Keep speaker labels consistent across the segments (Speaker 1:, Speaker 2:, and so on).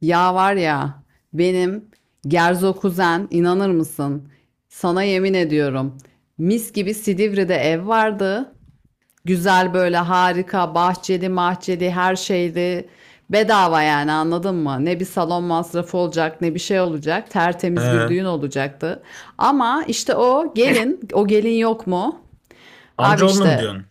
Speaker 1: Ya var ya benim Gerzo kuzen inanır mısın? Sana yemin ediyorum. Mis gibi Silivri'de ev vardı. Güzel böyle harika bahçeli mahçeli her şeydi. Bedava yani anladın mı? Ne bir salon masrafı olacak ne bir şey olacak. Tertemiz bir
Speaker 2: He.
Speaker 1: düğün olacaktı. Ama işte o gelin yok mu? Abi
Speaker 2: Amcaoğlunu mu
Speaker 1: işte
Speaker 2: diyorsun?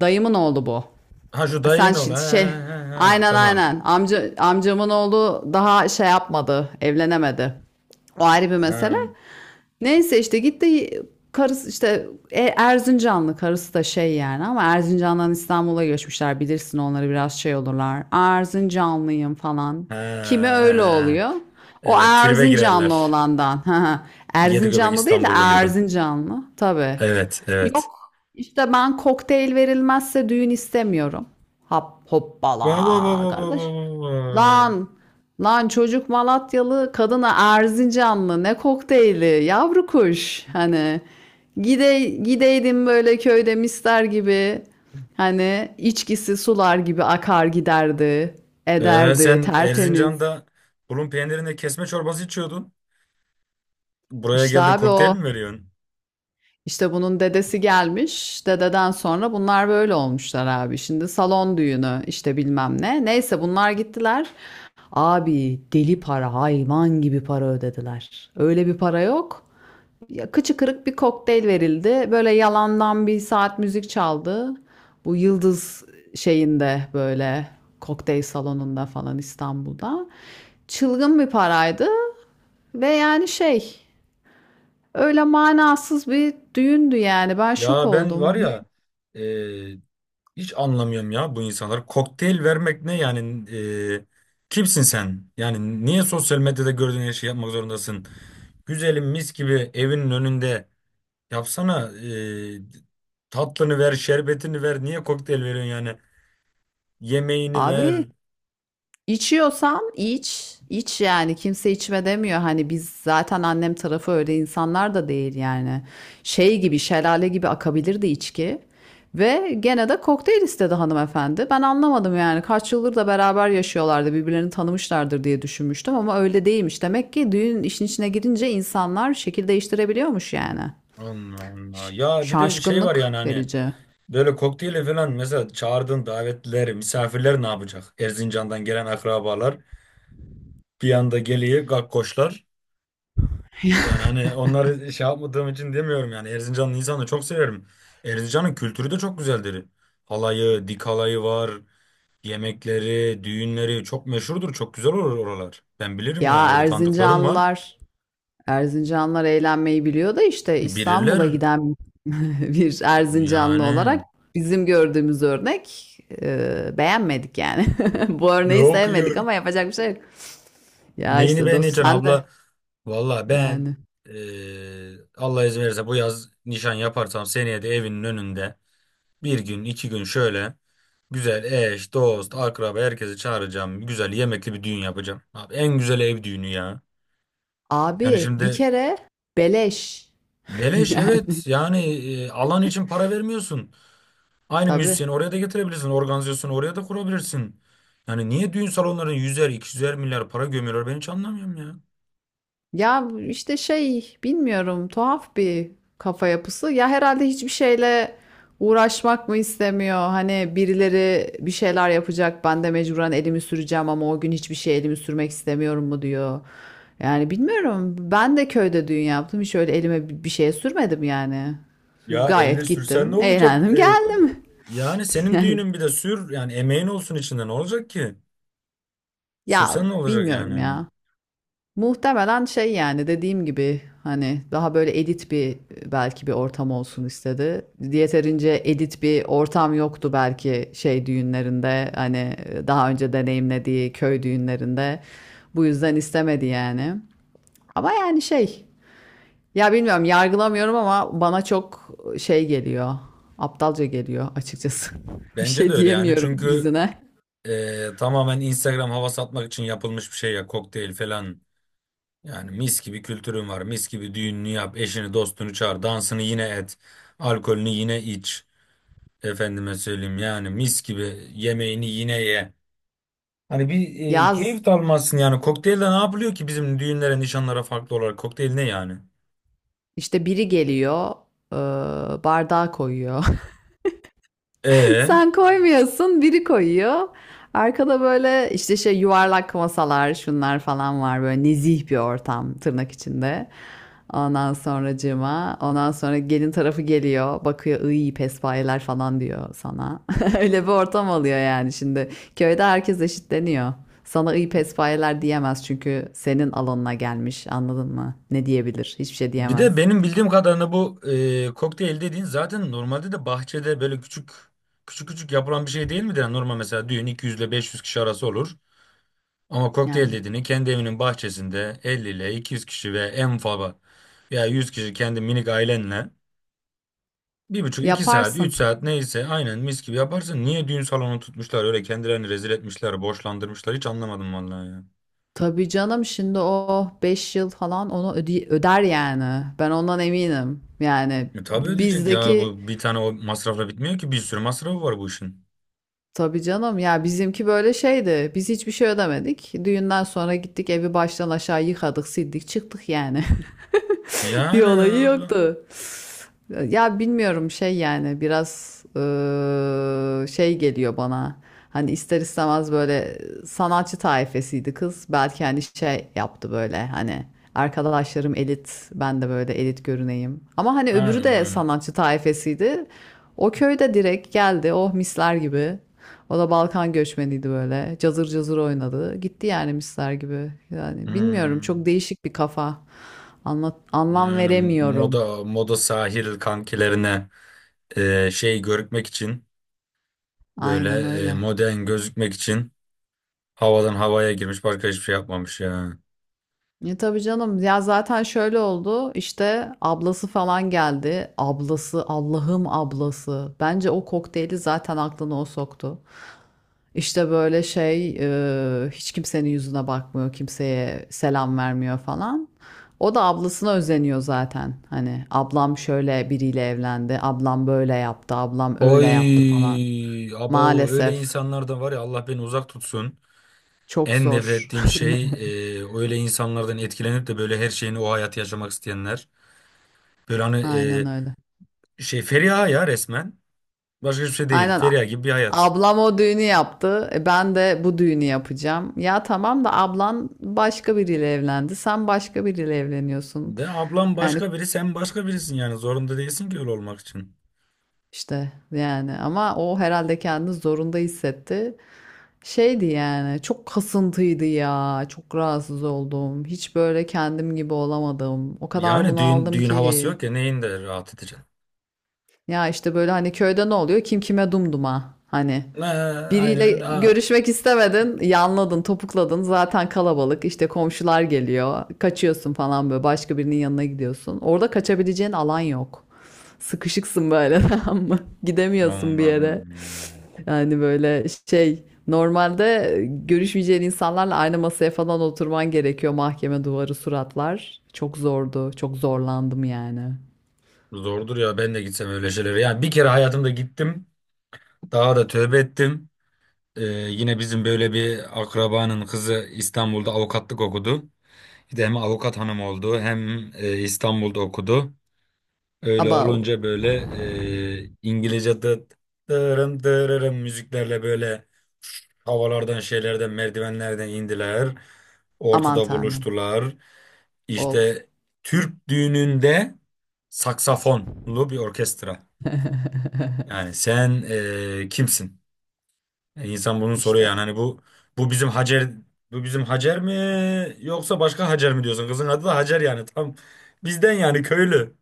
Speaker 1: dayımın oğlu bu.
Speaker 2: Ha şu
Speaker 1: Sen
Speaker 2: dayın oğlu. He,
Speaker 1: şi- şey
Speaker 2: he, he, he.
Speaker 1: aynen
Speaker 2: Tamam.
Speaker 1: aynen amcamın oğlu daha şey yapmadı, evlenemedi. O ayrı bir mesele.
Speaker 2: He.
Speaker 1: Neyse işte gitti, karısı, işte Erzincanlı karısı da şey yani, ama Erzincan'dan İstanbul'a göçmüşler, bilirsin, onları biraz şey olurlar. Erzincanlıyım falan.
Speaker 2: He.
Speaker 1: Kimi öyle oluyor? O
Speaker 2: Evet, tribe
Speaker 1: Erzincanlı
Speaker 2: girerler.
Speaker 1: olandan.
Speaker 2: Yedi göbek
Speaker 1: Erzincanlı değil de
Speaker 2: İstanbullu gibi.
Speaker 1: Erzincanlı tabii.
Speaker 2: Evet,
Speaker 1: Yok,
Speaker 2: evet.
Speaker 1: işte ben kokteyl verilmezse düğün istemiyorum. Hop
Speaker 2: Baba baba
Speaker 1: hoppala
Speaker 2: baba
Speaker 1: kardeş.
Speaker 2: baba.
Speaker 1: Lan, lan çocuk Malatyalı, kadına Erzincanlı. Ne kokteyli, yavru kuş. Hani gide, gideydim böyle köyde mister gibi. Hani içkisi sular gibi akar giderdi,
Speaker 2: Ee,
Speaker 1: ederdi,
Speaker 2: sen
Speaker 1: tertemiz.
Speaker 2: Erzincan'da bulun peynirinde kesme çorbası içiyordun. Buraya
Speaker 1: İşte
Speaker 2: geldin,
Speaker 1: abi
Speaker 2: kokteyl
Speaker 1: o.
Speaker 2: mi veriyorsun?
Speaker 1: İşte bunun dedesi gelmiş. Dededen sonra bunlar böyle olmuşlar abi. Şimdi salon düğünü işte bilmem ne. Neyse bunlar gittiler. Abi deli para, hayvan gibi para ödediler. Öyle bir para yok. Ya, kıçı kırık bir kokteyl verildi. Böyle yalandan bir saat müzik çaldı. Bu Yıldız şeyinde böyle kokteyl salonunda falan İstanbul'da. Çılgın bir paraydı ve yani şey öyle manasız bir düğündü yani. Ben şok
Speaker 2: Ya ben var
Speaker 1: oldum.
Speaker 2: ya, e, Hiç anlamıyorum ya bu insanlar. Kokteyl vermek ne yani? Kimsin sen? Yani niye sosyal medyada gördüğün her şeyi yapmak zorundasın? Güzelim, mis gibi evinin önünde yapsana. Tatlını ver, şerbetini ver. Niye kokteyl veriyorsun yani? Yemeğini
Speaker 1: Abi
Speaker 2: ver.
Speaker 1: içiyorsan iç, iç yani. Kimse içme demiyor. Hani biz zaten annem tarafı öyle insanlar da değil yani. Şey gibi, şelale gibi akabilirdi içki. Ve gene de kokteyl istedi hanımefendi. Ben anlamadım yani. Kaç yıldır da beraber yaşıyorlardı. Birbirlerini tanımışlardır diye düşünmüştüm ama öyle değilmiş. Demek ki düğün işin içine girince insanlar şekil değiştirebiliyormuş yani.
Speaker 2: Allah Allah.
Speaker 1: Ş-
Speaker 2: Ya bir de şey var
Speaker 1: Şaşkınlık
Speaker 2: yani, hani
Speaker 1: verici.
Speaker 2: böyle kokteyle falan, mesela çağırdığın davetliler, misafirler ne yapacak? Erzincan'dan gelen akrabalar bir anda geliyor, gakkoşlar. Yani hani onları şey yapmadığım için demiyorum, yani Erzincanlı insanı çok severim. Erzincan'ın kültürü de çok güzeldir. Halayı, dik halayı var, yemekleri, düğünleri çok meşhurdur, çok güzel olur oralar. Ben bilirim
Speaker 1: Ya
Speaker 2: yani, orada tanıdıklarım var.
Speaker 1: Erzincanlılar, Erzincanlılar eğlenmeyi biliyor da işte İstanbul'a
Speaker 2: Bilirler
Speaker 1: giden bir Erzincanlı
Speaker 2: yani.
Speaker 1: olarak bizim gördüğümüz örnek, beğenmedik yani. Bu örneği
Speaker 2: Yok ya.
Speaker 1: sevmedik ama yapacak bir şey yok. Ya
Speaker 2: Neyini
Speaker 1: işte dost
Speaker 2: beğeneceksin
Speaker 1: sen de
Speaker 2: abla? Valla ben,
Speaker 1: yani.
Speaker 2: Allah izin verirse bu yaz nişan yaparsam, seneye de evinin önünde bir gün iki gün şöyle güzel, eş, dost, akraba herkesi çağıracağım. Güzel yemekli bir düğün yapacağım. Abi, en güzel ev düğünü ya. Yani
Speaker 1: Abi bir
Speaker 2: şimdi
Speaker 1: kere beleş
Speaker 2: beleş,
Speaker 1: yani
Speaker 2: evet yani alan için para vermiyorsun. Aynı
Speaker 1: tabii.
Speaker 2: müzisyeni oraya da getirebilirsin. Organizasyonu oraya da kurabilirsin. Yani niye düğün salonlarına 100'er, iki 200'er milyar para gömüyorlar ben hiç anlamıyorum ya.
Speaker 1: Ya işte şey bilmiyorum, tuhaf bir kafa yapısı. Ya herhalde hiçbir şeyle uğraşmak mı istemiyor? Hani birileri bir şeyler yapacak, ben de mecburen elimi süreceğim ama o gün hiçbir şey elimi sürmek istemiyorum mu diyor. Yani bilmiyorum, ben de köyde düğün yaptım, hiç öyle elime bir şeye sürmedim yani.
Speaker 2: Ya elle
Speaker 1: Gayet
Speaker 2: sürsen ne
Speaker 1: gittim,
Speaker 2: olacak?
Speaker 1: eğlendim, geldim.
Speaker 2: Yani senin
Speaker 1: Yani,
Speaker 2: düğünün, bir de sür yani, emeğin olsun içinde, ne olacak ki?
Speaker 1: ya
Speaker 2: Sürsen ne olacak yani?
Speaker 1: bilmiyorum
Speaker 2: Hani?
Speaker 1: ya. Muhtemelen şey yani dediğim gibi, hani daha böyle edit bir, belki bir ortam olsun istedi. Yeterince edit bir ortam yoktu belki şey düğünlerinde, hani daha önce deneyimlediği köy düğünlerinde. Bu yüzden istemedi yani. Ama yani şey, ya bilmiyorum, yargılamıyorum ama bana çok şey geliyor. Aptalca geliyor açıkçası. Bir
Speaker 2: Bence de
Speaker 1: şey
Speaker 2: öyle yani,
Speaker 1: diyemiyorum
Speaker 2: çünkü
Speaker 1: yüzüne.
Speaker 2: Tamamen Instagram hava satmak için yapılmış bir şey ya kokteyl falan. Yani mis gibi kültürün var. Mis gibi düğününü yap. Eşini dostunu çağır. Dansını yine et. Alkolünü yine iç. Efendime söyleyeyim, yani mis gibi yemeğini yine ye. Hani bir
Speaker 1: Yaz
Speaker 2: keyif de almazsın yani. Kokteylde ne yapılıyor ki bizim düğünlere, nişanlara farklı olarak? Kokteyl ne yani?
Speaker 1: işte biri geliyor, e, bardağı koyuyor.
Speaker 2: E
Speaker 1: Sen koymuyorsun, biri koyuyor. Arkada böyle işte şey yuvarlak masalar, şunlar falan var. Böyle nezih bir ortam, tırnak içinde. Ondan sonracığıma, ondan sonra gelin tarafı geliyor, bakıyor, iyi pespayeler falan diyor sana. Öyle bir ortam oluyor yani şimdi. Köyde herkes eşitleniyor. Sana iyi pespayeler diyemez çünkü senin alanına gelmiş, anladın mı? Ne diyebilir? Hiçbir şey
Speaker 2: Bir
Speaker 1: diyemez.
Speaker 2: de benim bildiğim kadarıyla bu kokteyl dediğin zaten normalde de bahçede böyle küçük küçük yapılan bir şey değil midir? Yani normal mesela düğün 200 ile 500 kişi arası olur. Ama kokteyl
Speaker 1: Yani
Speaker 2: dediğini kendi evinin bahçesinde 50 ile 200 kişi, ve en fazla ya 100 kişi kendi minik ailenle bir buçuk, 2 saat,
Speaker 1: yaparsın.
Speaker 2: 3 saat, neyse aynen mis gibi yaparsın. Niye düğün salonu tutmuşlar, öyle kendilerini rezil etmişler, boşlandırmışlar, hiç anlamadım vallahi ya.
Speaker 1: Tabii canım, şimdi o 5 yıl falan onu öder yani. Ben ondan eminim. Yani
Speaker 2: Tabii ödeyecek ya,
Speaker 1: bizdeki,
Speaker 2: bu bir tane o masrafla bitmiyor ki, bir sürü masrafı var bu işin.
Speaker 1: tabii canım, ya bizimki böyle şeydi. Biz hiçbir şey ödemedik. Düğünden sonra gittik, evi baştan aşağı yıkadık, sildik, çıktık yani. Bir
Speaker 2: Yani
Speaker 1: olayı
Speaker 2: abla.
Speaker 1: yoktu. Ya bilmiyorum şey yani biraz şey geliyor bana. Hani ister istemez böyle sanatçı tayfesiydi kız. Belki hani şey yaptı, böyle hani, arkadaşlarım elit, ben de böyle elit görüneyim. Ama hani öbürü
Speaker 2: Aynen,
Speaker 1: de
Speaker 2: aynen.
Speaker 1: sanatçı tayfesiydi. O köyde direkt geldi, oh misler gibi. O da Balkan göçmeniydi böyle. Cazır cazır oynadı. Gitti yani misler gibi. Yani bilmiyorum,
Speaker 2: Hmm,
Speaker 1: çok değişik bir kafa. Anlat, anlam
Speaker 2: yani
Speaker 1: veremiyorum.
Speaker 2: moda moda sahil kankilerine şey görükmek için, böyle
Speaker 1: Aynen öyle.
Speaker 2: modern gözükmek için havadan havaya girmiş, başka hiçbir şey yapmamış ya.
Speaker 1: E tabii canım, ya zaten şöyle oldu işte, ablası falan geldi. Ablası, Allah'ım ablası. Bence o kokteyli zaten aklına o soktu. İşte böyle şey, hiç kimsenin yüzüne bakmıyor, kimseye selam vermiyor falan. O da ablasına özeniyor zaten. Hani ablam şöyle biriyle evlendi, ablam böyle yaptı, ablam öyle yaptı falan.
Speaker 2: Oy abo, öyle
Speaker 1: Maalesef
Speaker 2: insanlardan var ya, Allah beni uzak tutsun.
Speaker 1: çok
Speaker 2: En nefret
Speaker 1: zor.
Speaker 2: ettiğim şey öyle insanlardan etkilenip de böyle her şeyini, o hayatı yaşamak isteyenler. Böyle hani
Speaker 1: Aynen öyle.
Speaker 2: şey, Feriha ya resmen. Başka hiçbir şey değil.
Speaker 1: Aynen
Speaker 2: Feriha gibi bir hayat.
Speaker 1: ablam o düğünü yaptı, e ben de bu düğünü yapacağım. Ya tamam da ablan başka biriyle evlendi. Sen başka biriyle evleniyorsun.
Speaker 2: Ve ablam
Speaker 1: Yani
Speaker 2: başka biri, sen başka birisin yani. Zorunda değilsin ki öyle olmak için.
Speaker 1: işte yani ama o herhalde kendini zorunda hissetti. Şeydi yani çok kasıntıydı ya. Çok rahatsız oldum. Hiç böyle kendim gibi olamadım. O kadar
Speaker 2: Yani düğün
Speaker 1: bunaldım
Speaker 2: düğün havası
Speaker 1: ki.
Speaker 2: yok ya, neyin de rahat edeceksin.
Speaker 1: Ya işte böyle hani köyde ne oluyor? Kim kime dumduma. Hani
Speaker 2: Ha, aynen
Speaker 1: biriyle
Speaker 2: öyle. Ha.
Speaker 1: görüşmek istemedin, yanladın, topukladın. Zaten kalabalık, işte komşular geliyor. Kaçıyorsun falan böyle. Başka birinin yanına gidiyorsun. Orada kaçabileceğin alan yok. Sıkışıksın böyle, tamam mı? Gidemiyorsun bir yere.
Speaker 2: Allah'ım.
Speaker 1: Yani böyle şey, normalde görüşmeyeceğin insanlarla aynı masaya falan oturman gerekiyor. Mahkeme duvarı suratlar. Çok zordu. Çok zorlandım yani.
Speaker 2: Zordur ya, ben de gitsem öyle şeylere. Yani bir kere hayatımda gittim. Daha da tövbe ettim. Yine bizim böyle bir akrabanın kızı İstanbul'da avukatlık okudu. Bir de hem avukat hanım oldu, hem İstanbul'da okudu. Öyle
Speaker 1: Abav.
Speaker 2: olunca böyle İngilizce dırın müziklerle böyle havalardan, şeylerden, merdivenlerden indiler.
Speaker 1: Aman
Speaker 2: Ortada
Speaker 1: tanrım.
Speaker 2: buluştular.
Speaker 1: Of.
Speaker 2: İşte Türk düğününde saksafonlu bir orkestra. Yani sen kimsin? İnsan bunu soruyor yani,
Speaker 1: İşte.
Speaker 2: hani bu bizim Hacer, bu bizim Hacer mi yoksa başka Hacer mi diyorsun? Kızın adı da Hacer, yani tam bizden yani, köylü.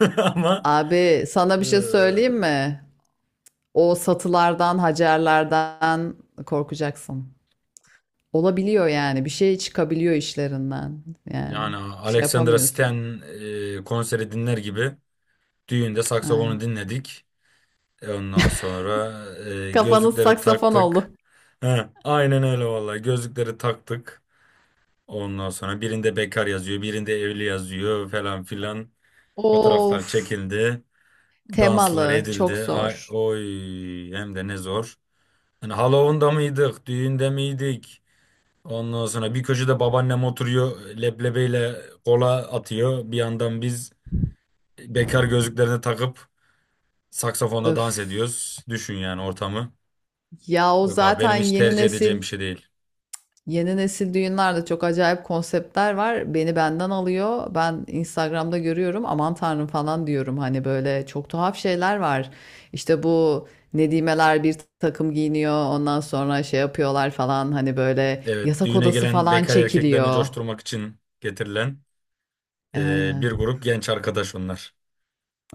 Speaker 2: Ama
Speaker 1: Abi sana
Speaker 2: e,
Speaker 1: bir şey söyleyeyim mi? O satılardan, hacerlerden korkacaksın. Olabiliyor yani. Bir şey çıkabiliyor işlerinden. Yani
Speaker 2: Yani
Speaker 1: bir şey
Speaker 2: Alexandra
Speaker 1: yapamıyorsun.
Speaker 2: Stan konseri dinler gibi düğünde saksafonu
Speaker 1: Aynen.
Speaker 2: dinledik. Ondan sonra
Speaker 1: Kafanız
Speaker 2: gözlükleri
Speaker 1: saksafon oldu.
Speaker 2: taktık. He, aynen öyle vallahi, gözlükleri taktık. Ondan sonra birinde bekar yazıyor, birinde evli yazıyor falan filan. Fotoğraflar
Speaker 1: Of.
Speaker 2: çekildi, danslar
Speaker 1: Temalı.
Speaker 2: edildi.
Speaker 1: Çok
Speaker 2: Ay,
Speaker 1: zor.
Speaker 2: oy, hem de ne zor. Hani Halloween'da mıydık, düğünde miydik? Ondan sonra bir köşede babaannem oturuyor, leblebiyle kola atıyor. Bir yandan biz bekar gözlüklerini takıp saksafonla dans
Speaker 1: Öf.
Speaker 2: ediyoruz. Düşün yani ortamı.
Speaker 1: Ya o
Speaker 2: Yok abi,
Speaker 1: zaten
Speaker 2: benim hiç
Speaker 1: yeni
Speaker 2: tercih edeceğim
Speaker 1: nesil.
Speaker 2: bir şey değil.
Speaker 1: Yeni nesil düğünlerde çok acayip konseptler var. Beni benden alıyor. Ben Instagram'da görüyorum. Aman tanrım falan diyorum. Hani böyle çok tuhaf şeyler var. İşte bu nedimeler bir takım giyiniyor. Ondan sonra şey yapıyorlar falan. Hani böyle
Speaker 2: Evet,
Speaker 1: yatak
Speaker 2: düğüne
Speaker 1: odası
Speaker 2: gelen
Speaker 1: falan
Speaker 2: bekar erkeklerini
Speaker 1: çekiliyor.
Speaker 2: coşturmak için getirilen
Speaker 1: E,
Speaker 2: bir
Speaker 1: aynen.
Speaker 2: grup genç arkadaş onlar.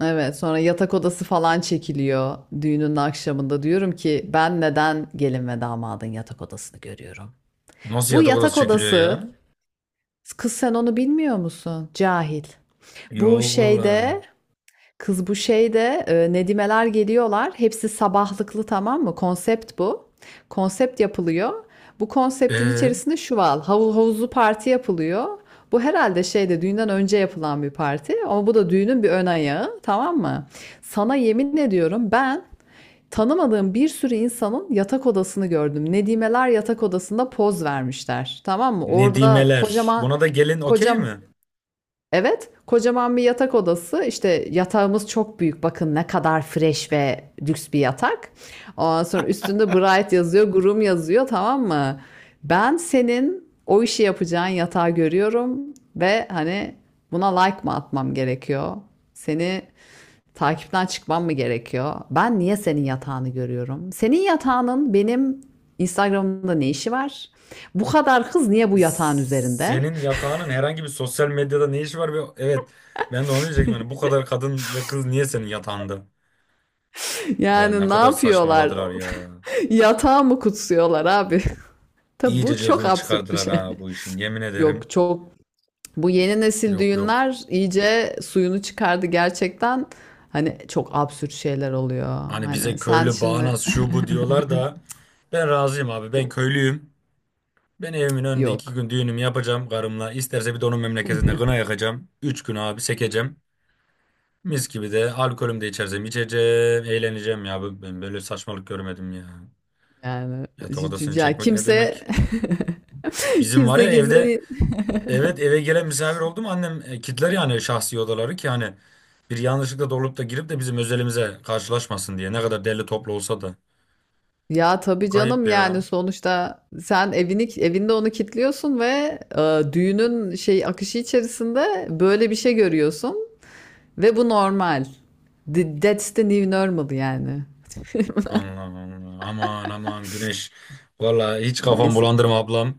Speaker 1: Evet, sonra yatak odası falan çekiliyor düğünün akşamında. Diyorum ki ben neden gelin ve damadın yatak odasını görüyorum?
Speaker 2: Nasıl
Speaker 1: Bu
Speaker 2: yatak odası
Speaker 1: yatak
Speaker 2: çekiliyor ya?
Speaker 1: odası, kız sen onu bilmiyor musun? Cahil. Bu
Speaker 2: Yok valla.
Speaker 1: şeyde, kız bu şeyde, nedimeler geliyorlar. Hepsi sabahlıklı, tamam mı? Konsept bu. Konsept yapılıyor. Bu konseptin
Speaker 2: Ee,
Speaker 1: içerisinde şu var. Havuz, havuzlu parti yapılıyor. Bu herhalde şeyde düğünden önce yapılan bir parti ama bu da düğünün bir ön ayağı, tamam mı? Sana yemin ediyorum ben tanımadığım bir sürü insanın yatak odasını gördüm. Nedimeler yatak odasında poz vermişler, tamam mı? Orada
Speaker 2: nedimeler.
Speaker 1: kocaman
Speaker 2: Buna da gelin okey
Speaker 1: kocam
Speaker 2: mi?
Speaker 1: Evet, kocaman bir yatak odası. İşte yatağımız çok büyük. Bakın ne kadar fresh ve lüks bir yatak. Ondan sonra üstünde Bright yazıyor, Groom yazıyor, tamam mı? Ben senin o işi yapacağın yatağı görüyorum ve hani buna like mı atmam gerekiyor? Seni takipten çıkmam mı gerekiyor? Ben niye senin yatağını görüyorum? Senin yatağının benim Instagram'da ne işi var? Bu kadar kız niye bu yatağın üzerinde?
Speaker 2: Senin yatağının herhangi bir sosyal medyada ne işi var? Be? Evet. Ben de onu diyecektim. Yani bu kadar kadın ve kız niye senin yatağında? Ya ne
Speaker 1: Yani ne
Speaker 2: kadar
Speaker 1: yapıyorlar?
Speaker 2: saçmaladılar ya.
Speaker 1: Yatağı mı kutsuyorlar abi? Tabi bu
Speaker 2: İyice
Speaker 1: çok
Speaker 2: cılkını
Speaker 1: absürt bir
Speaker 2: çıkardılar
Speaker 1: şey.
Speaker 2: ha bu işin. Yemin ederim.
Speaker 1: Yok, çok bu yeni nesil
Speaker 2: Yok, yok.
Speaker 1: düğünler iyice suyunu çıkardı gerçekten. Hani çok absürt şeyler oluyor.
Speaker 2: Hani
Speaker 1: Hani
Speaker 2: bize
Speaker 1: sen
Speaker 2: köylü,
Speaker 1: şimdi
Speaker 2: bağnaz, şu bu diyorlar da, ben razıyım abi. Ben
Speaker 1: Bu-
Speaker 2: köylüyüm. Ben evimin önünde iki
Speaker 1: yok.
Speaker 2: gün düğünümü yapacağım karımla. İsterse bir de onun memleketinde kına yakacağım. 3 gün abi sekeceğim. Mis gibi de alkolüm de içersem içeceğim. Eğleneceğim ya. Ben böyle saçmalık görmedim ya.
Speaker 1: Yani
Speaker 2: Yatak odasını
Speaker 1: ya
Speaker 2: çekmek ne
Speaker 1: kimse
Speaker 2: demek? Bizim var ya
Speaker 1: kimse
Speaker 2: evde.
Speaker 1: değil.
Speaker 2: Evet, eve gelen misafir oldu mu annem kilitler yani şahsi odaları, ki hani bir yanlışlıkla dolup da girip de bizim özelimize karşılaşmasın diye. Ne kadar derli toplu olsa da.
Speaker 1: Ya tabii
Speaker 2: Kayıp
Speaker 1: canım yani
Speaker 2: ya.
Speaker 1: sonuçta sen evini, evinde onu kilitliyorsun ve düğünün şey akışı içerisinde böyle bir şey görüyorsun. Ve bu normal. That's the new normal yani.
Speaker 2: Allah Allah. Aman aman Güneş. Vallahi hiç kafam
Speaker 1: Neyse.
Speaker 2: bulandırma ablam.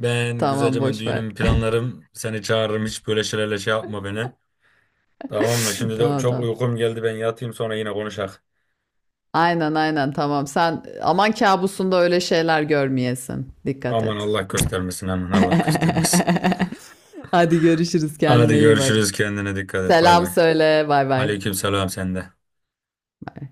Speaker 2: Ben
Speaker 1: Tamam,
Speaker 2: güzelce ben
Speaker 1: boş ver.
Speaker 2: düğünümü planlarım. Seni çağırırım, hiç böyle şeylerle şey yapma beni. Tamam mı? Şimdi de
Speaker 1: Tamam
Speaker 2: çok
Speaker 1: tamam.
Speaker 2: uykum geldi, ben yatayım, sonra yine konuşak.
Speaker 1: Aynen, tamam. Sen aman kabusunda öyle şeyler görmeyesin. Dikkat
Speaker 2: Aman
Speaker 1: et.
Speaker 2: Allah göstermesin, aman Allah göstermesin.
Speaker 1: Hadi görüşürüz.
Speaker 2: Hadi
Speaker 1: Kendine iyi bak.
Speaker 2: görüşürüz, kendine dikkat et, bay
Speaker 1: Selam
Speaker 2: bay.
Speaker 1: söyle. Bay bay.
Speaker 2: Aleyküm selam sende.
Speaker 1: Bay.